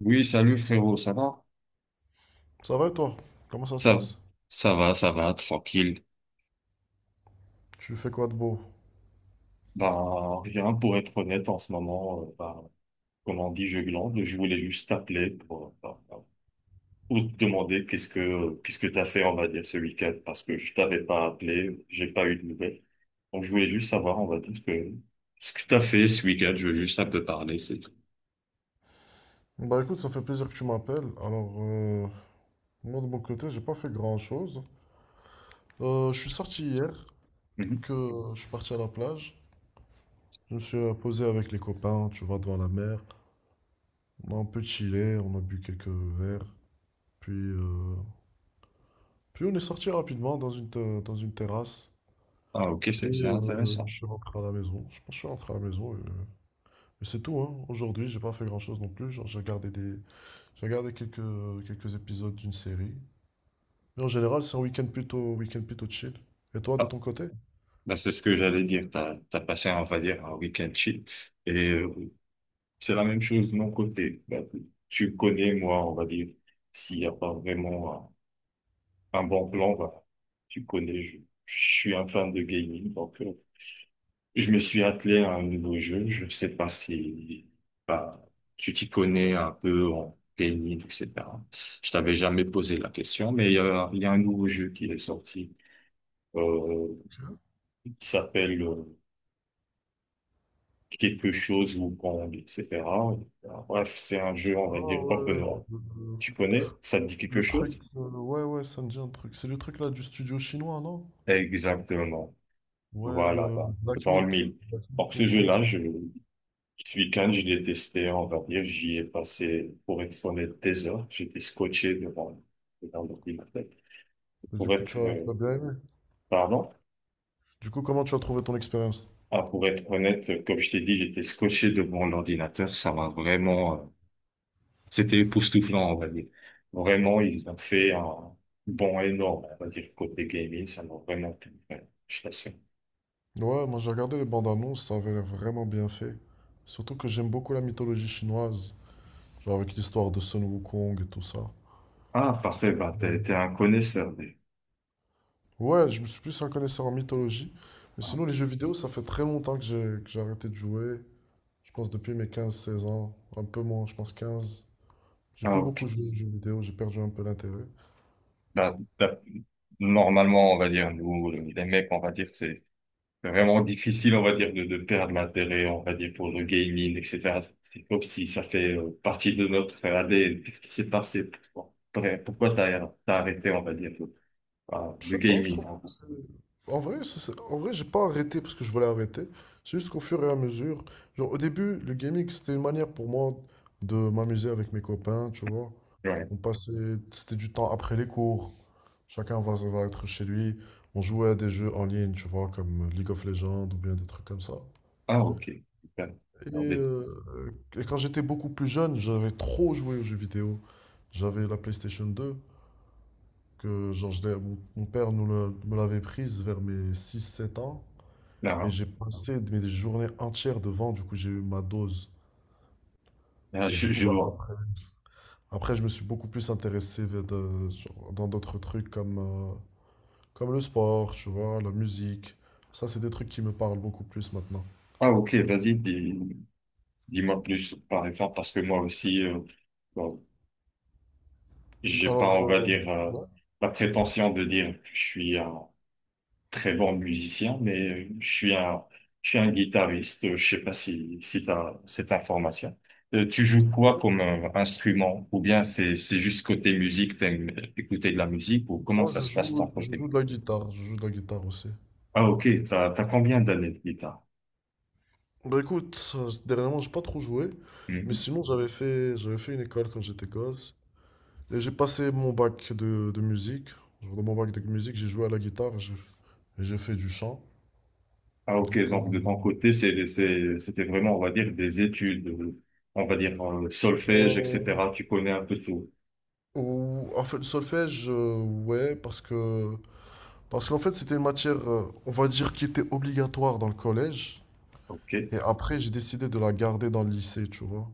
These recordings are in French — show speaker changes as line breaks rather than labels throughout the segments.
Oui, salut frérot, ça va?
Ça va et toi? Comment ça se
Ça,
passe?
ça va, tranquille.
Tu fais quoi de beau?
Bah, rien pour être honnête en ce moment, bah, comme on dit, je glande. Je voulais juste t'appeler pour, pour te demander qu'est-ce que t'as fait, on va dire, ce week-end, parce que je t'avais pas appelé, j'ai pas eu de nouvelles. Donc je voulais juste savoir, on va dire, ce que t'as fait ce week-end, je veux juste un peu parler, c'est tout.
Bah écoute, ça fait plaisir que tu m'appelles. Alors, moi de mon côté, j'ai pas fait grand-chose. Je suis sorti hier,
Mhm.
que je suis parti à la plage. Je me suis posé avec les copains, tu vois, devant la mer. On a un peu chillé, on a bu quelques verres. Puis, puis on est sorti rapidement dans dans une terrasse.
Ah, ok,
Et
c'est
je
intéressant.
suis rentré à la maison. Je pense que je suis rentré à la maison. Et c'est tout, hein. Aujourd'hui, j'ai pas fait grand-chose non plus. Genre, j'ai regardé quelques, quelques épisodes d'une série. Mais en général, c'est week-end plutôt chill. Et toi, de
Ah,
ton côté?
bah, c'est ce que j'allais dire. T'as passé, on va dire, un week-end chill. Et c'est la même chose de mon côté. Bah, tu connais, moi, on va dire, s'il n'y a pas vraiment un bon plan, bah, tu connais, je suis un fan de gaming, donc je me suis attelé à un nouveau jeu. Je ne sais pas si bah, tu t'y connais un peu en gaming, etc. Je t'avais jamais posé la question, mais il y a un nouveau jeu qui est sorti, euh, qui s'appelle quelque chose ou Kong, etc. Bref, c'est un jeu, on va
Ah
dire,
ouais,
open
le, le-
tu connais? Ça te dit quelque
le truc,
chose?
ouais, ouais, ça me dit un truc. C'est le truc là du studio chinois, non?
Exactement.
Ouais,
Voilà,
le
bah,
Black
dans le
Myth.
mille.
Black
Alors,
Myth
ce
Hong Kong.
jeu-là, ce week-end, je l'ai testé, on va dire, j'y ai passé, pour être honnête, des heures. J'étais scotché devant, devant l'ordinateur.
Et du
Pour
coup,
être, euh,
tu as bien aimé.
pardon?
Du coup, comment tu as trouvé ton expérience?
Ah, pour être honnête, comme je t'ai dit, j'étais scotché devant l'ordinateur. C'était époustouflant, on va dire. Vraiment, ils ont fait un bond énorme, on va dire, côté gaming. Ça m'a vraiment plu. Ouais, je t'assure.
Ouais, moi j'ai regardé les bandes annonces, ça avait l'air vraiment bien fait. Surtout que j'aime beaucoup la mythologie chinoise, genre avec l'histoire de Sun Wukong et tout ça.
Ah, parfait. Bah, t'es un connaisseur.
Ouais, je me suis plus un connaisseur en mythologie. Mais
Ah,
sinon, les jeux vidéo, ça fait très longtemps que j'ai arrêté de jouer. Je pense depuis mes quinze seize ans. Un peu moins, je pense 15. J'ai
ah,
plus
ok.
beaucoup joué aux jeux vidéo, j'ai perdu un peu l'intérêt.
Bah, normalement, on va dire, nous, les mecs, on va dire, c'est vraiment difficile, on va dire, de perdre l'intérêt, on va dire, pour le gaming, etc. C'est comme si ça fait partie de notre ADN. Qu'est-ce qui s'est passé pour toi? Après, pourquoi t'as arrêté, on va dire, le, ah,
Je
le
sais pas, je
gaming,
trouve
en
que
gros.
en vrai, j'ai pas arrêté parce que je voulais arrêter. C'est juste qu'au fur et à mesure, genre au début, le gaming, c'était une manière pour moi de m'amuser avec mes copains, tu vois.
Ouais.
C'était du temps après les cours. Chacun va être chez lui. On jouait à des jeux en ligne, tu vois, comme League of Legends ou bien des trucs comme ça.
Ah, ok. Super. Alors,
Et quand j'étais beaucoup plus jeune, j'avais trop joué aux jeux vidéo. J'avais la PlayStation 2, que genre, mon père me l'avait prise vers mes six sept ans.
là,
Et
hein.
j'ai passé mes journées entières devant, du coup j'ai eu ma dose.
Là,
Et du
je,
coup,
je
bah,
vois.
après, je me suis beaucoup plus intéressé genre, dans d'autres trucs comme comme le sport, tu vois, la musique. Ça, c'est des trucs qui me parlent beaucoup plus maintenant.
Ah, ok, vas-y, dis-moi plus, par exemple, parce que moi aussi, bon, j'ai pas,
Alors,
on va
euh,
dire,
ouais,
la prétention de dire que je suis un très bon musicien, mais je suis un guitariste. Je sais pas si t'as cette information. Tu joues quoi
ok.
comme instrument? Ou bien c'est juste côté musique, t'aimes écouter de la musique, ou comment
Moi,
ça se passe de ton
je
côté?
joue de la guitare. Je joue de la guitare aussi.
Ah, ok, t'as combien d'années de guitare?
Bah écoute, dernièrement, j'ai pas trop joué. Mais
Mhm.
sinon, j'avais fait une école quand j'étais gosse. Et j'ai passé mon bac de musique. Genre, dans mon bac de musique, j'ai joué à la guitare et j'ai fait du chant.
Ah, ok,
Donc, euh,
donc de ton côté, c'était vraiment, on va dire, des études, on va dire, solfège,
euh,
etc. Tu connais un peu tout.
le solfège, ouais, parce qu'en fait, c'était une matière, on va dire, qui était obligatoire dans le collège.
Ok.
Et après, j'ai décidé de la garder dans le lycée, tu vois.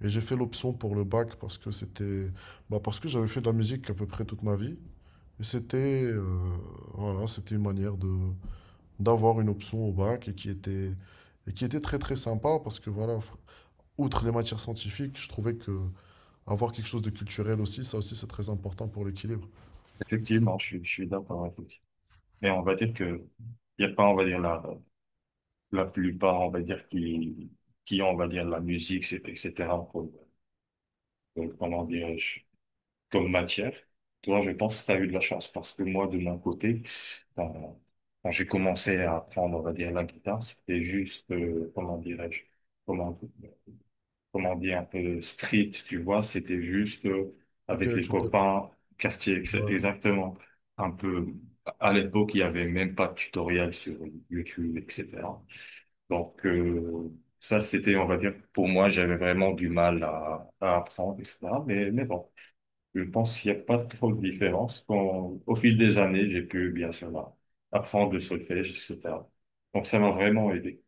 Et j'ai fait l'option pour le bac parce que c'était, bah, parce que j'avais fait de la musique à peu près toute ma vie. Et c'était, voilà, c'était une manière de d'avoir une option au bac et qui était très très sympa parce que voilà, outre les matières scientifiques, je trouvais que avoir quelque chose de culturel aussi, ça aussi c'est très important pour l'équilibre.
Effectivement, je suis d'accord. Effectivement. Mais on va dire que il n'y a pas, on va dire, la plupart, on va dire, qui ont, on va dire, la musique, etc., comment dirais-je, comme matière. Toi, je pense que tu as eu de la chance parce que moi, de mon côté, quand, quand j'ai commencé à apprendre, on va dire, la guitare, c'était juste, comment dirais-je, comment, comment dire, un peu street, tu vois, c'était juste avec
Ok,
les
tu t'es,
copains, quartier
ouais.
exactement, un peu, à l'époque, il n'y avait même pas de tutoriel sur YouTube, etc. Donc, ça, c'était, on va dire, pour moi, j'avais vraiment du mal à apprendre, etc. Mais, bon, je pense qu'il n'y a pas trop de différence. Quand, au fil des années, j'ai pu, bien sûr, apprendre le solfège, etc. Donc, ça m'a vraiment aidé.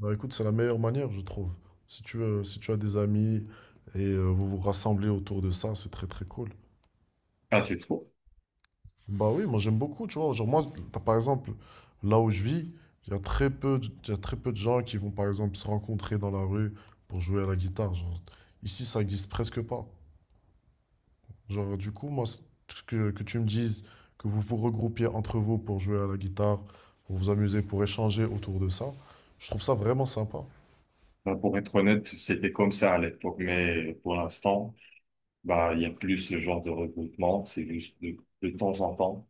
Bah écoute, c'est la meilleure manière, je trouve. Si tu veux, si tu as des amis et vous vous rassemblez autour de ça, c'est très très cool.
Ah, tu trouves?
Bah oui, moi j'aime beaucoup, tu vois. Genre moi, par exemple, là où je vis, il y a il y a très peu de gens qui vont par exemple se rencontrer dans la rue pour jouer à la guitare. Genre, ici, ça existe presque pas. Genre du coup, moi, que tu me dises que vous vous regroupiez entre vous pour jouer à la guitare, pour vous amuser, pour échanger autour de ça, je trouve ça vraiment sympa.
Bah, pour être honnête, c'était comme ça à l'époque, mais pour l'instant, bah, il y a plus ce genre de regroupement, c'est juste de temps en temps.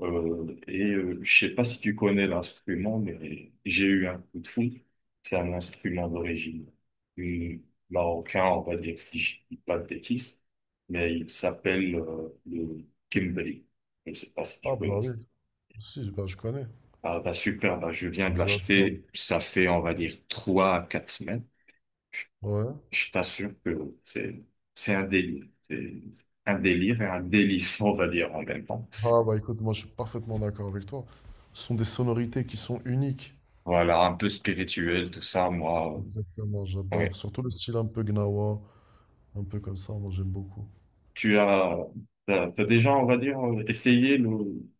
Et je sais pas si tu connais l'instrument, mais j'ai eu un coup de foudre. C'est un instrument d'origine du marocain, on va dire, si je dis pas de bêtises, mais il s'appelle le kimbali. Je sais pas si tu
Ah bah
connais
oui,
ça.
si, bah je connais.
Ah, bah, super, bah, je viens de
J'adore.
l'acheter, ça fait, on va dire, 3 à 4 semaines.
Ouais.
Je t'assure que c'est un délire. C'est un délire et un délice, on va dire, en même temps.
Ah bah écoute, moi je suis parfaitement d'accord avec toi. Ce sont des sonorités qui sont uniques.
Voilà, un peu spirituel, tout ça, moi.
Exactement, j'adore.
Ouais.
Surtout le style un peu gnawa, un peu comme ça, moi j'aime beaucoup.
Tu as, t'as déjà, on va dire, essayé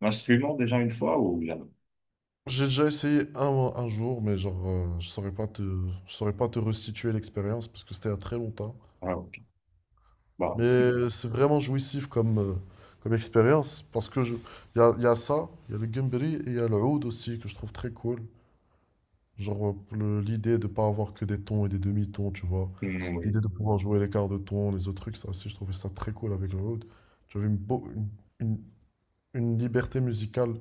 l'instrument déjà une fois ou jamais?
J'ai déjà essayé un jour, mais genre je saurais pas te restituer l'expérience parce que c'était il y a très longtemps.
Ah, ok. Bah,
Mais c'est vraiment jouissif comme, comme expérience parce que je, il y a ça, il y a le Gumberry et il y a le oud aussi que je trouve très cool. Genre, l'idée de pas avoir que des tons et des demi-tons, tu vois.
mm, oui.
L'idée de pouvoir jouer les quarts de ton, les autres trucs, ça aussi, je trouvais ça très cool avec le Rhodes. Tu avais une- une liberté musicale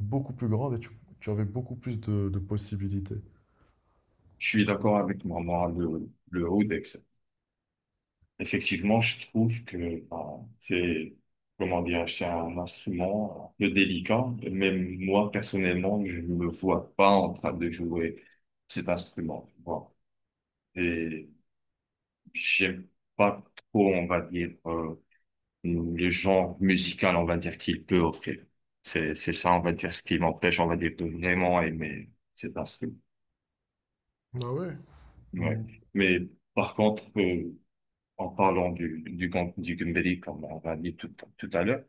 beaucoup plus grande et tu avais beaucoup plus de possibilités.
Je suis d'accord avec moi. Moi, le oud, etc. Effectivement, je trouve que ben, c'est, comment dire, c'est un instrument un peu délicat. Même moi, personnellement, je ne me vois pas en train de jouer cet instrument, tu vois. Et j'aime pas trop, on va dire, le genre musical, on va dire, qu'il peut offrir. C'est ça, on va dire, ce qui m'empêche, on va dire, de vraiment aimer cet instrument.
Ah ouais?
Ouais.
Mm.
Mais par contre, en parlant du Gundeli, comme on l'a dit tout à l'heure,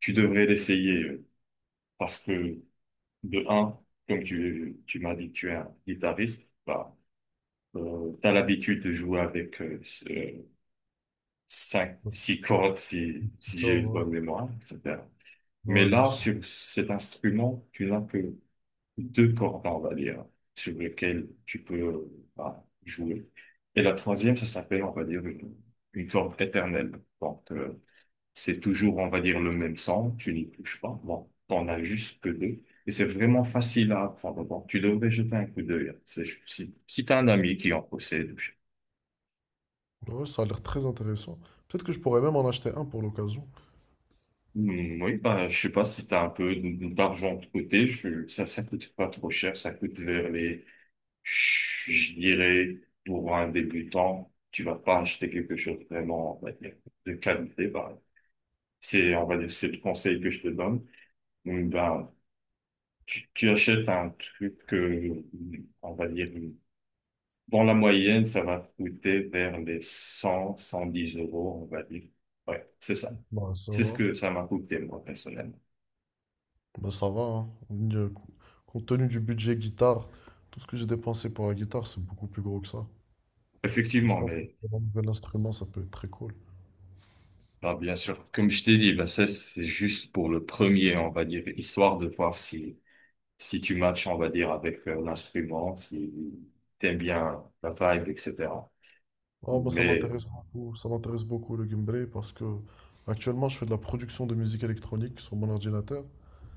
tu devrais l'essayer parce que, de un, comme tu m'as dit que tu es un guitariste, bah, tu as l'habitude de jouer avec cinq,
Ouais,
six cordes si,
c'est
si
clair,
j'ai une
ouais.
bonne mémoire, etc. Mais
Ouais, bien
là,
sûr.
sur cet instrument, tu n'as que deux cordes, on va dire, sur lesquelles tu peux bah, jouer. Et la troisième, ça s'appelle, on va dire, une corde éternelle. Donc, c'est toujours, on va dire, le même sang, tu n'y touches pas. Bon, t'en as juste que deux. Et c'est vraiment facile à apprendre. Bon, tu devrais jeter un coup d'œil. Si t'as un ami qui en possède.
Ouais, ça a l'air très intéressant. Peut-être que je pourrais même en acheter un pour l'occasion.
Hmm, oui, bah, je sais pas si t'as un peu d'argent de côté. Ça coûte pas trop cher. Ça coûte vers les, je dirais, pour un débutant, tu vas pas acheter quelque chose vraiment, on va dire, de qualité. Bah, c'est, on va dire, c'est le conseil que je te donne. Ben, tu achètes un truc, que on va dire, dans la moyenne, ça va coûter vers les 100, 110 euros, on va dire. Ouais, c'est ça.
Bah, ça
C'est ce
va.
que ça m'a coûté, moi, personnellement.
Bah, ça va, hein. Euh, Compte tenu du budget guitare, tout ce que j'ai dépensé pour la guitare, c'est beaucoup plus gros que ça. Je
Effectivement,
pense
mais
que pour un nouvel instrument, ça peut être très cool.
bah, bien sûr, comme je t'ai dit, bah, ça, c'est juste pour le premier, on va dire, histoire de voir si tu matches, on va dire, avec l'instrument, si t'aimes bien la vibe, etc.
Ah, moi, ça
Mais,
m'intéresse beaucoup. Ça m'intéresse beaucoup le gameplay parce que actuellement, je fais de la production de musique électronique sur mon ordinateur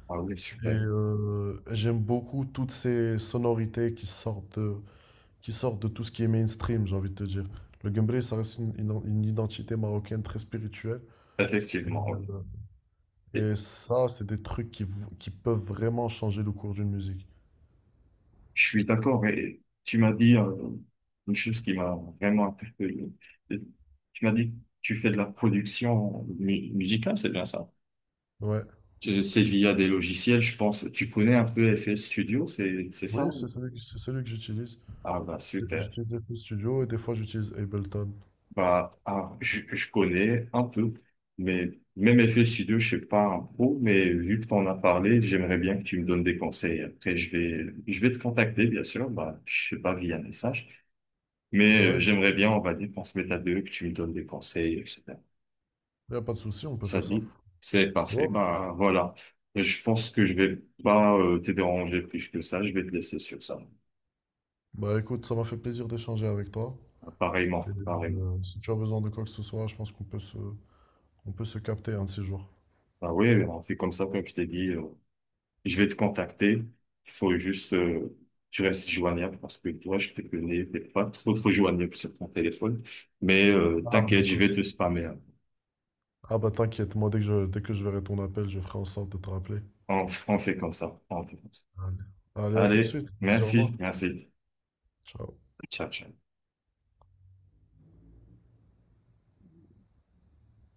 ah oui,
et
super.
j'aime beaucoup toutes ces sonorités qui sortent de tout ce qui est mainstream, j'ai envie de te dire. Le gameplay, ça reste une identité marocaine très spirituelle et,
Effectivement, oui.
euh, et ça, c'est des trucs qui peuvent vraiment changer le cours d'une musique.
Je suis d'accord et tu m'as dit une chose qui m'a vraiment interpellé. Euh, Tu m'as dit que tu fais de la production musicale, c'est bien ça?
Ouais.
C'est via des logiciels, je pense. Tu connais un peu FL Studio, c'est
Oui,
ça?
c'est celui que j'utilise.
Ah bah super.
J'utilise FL Studio et des fois j'utilise Ableton.
Bah ah, je connais un peu, mais même FL Studio, je sais pas un pro, mais vu que tu en as parlé, j'aimerais bien que tu me donnes des conseils. Après, je vais te contacter, bien sûr. Bah je sais pas via message.
Mais
Mais
ouais,
j'aimerais bien, on va dire, qu'on se mette à deux, que tu me donnes des conseils, etc.
il n'y a pas de souci, on peut
Ça
faire
te
ça.
dit? C'est parfait.
Bon,
Bah voilà. Je pense que je vais pas te déranger plus que ça. Je vais te laisser sur ça.
bah écoute, ça m'a fait plaisir d'échanger avec toi.
Ah, pareillement,
Et
pareillement.
si tu as besoin de quoi que ce soit, je pense qu'on peut se, on peut se capter un de ces jours.
Bah oui, on fait comme ça, comme je t'ai dit. Je vais te contacter. Faut juste, tu restes joignable parce que toi, je te connais, t'es pas trop trop joignable sur ton téléphone. Mais
Ah bah
t'inquiète, je
écoute.
vais te spammer, hein.
Ah bah t'inquiète, moi dès que je verrai ton appel, je ferai en sorte de te rappeler.
On fait comme ça. On fait comme ça.
Allez, Allez, à tout de
Allez,
suite. Au revoir.
merci, merci.
Ciao.
Ciao, ciao.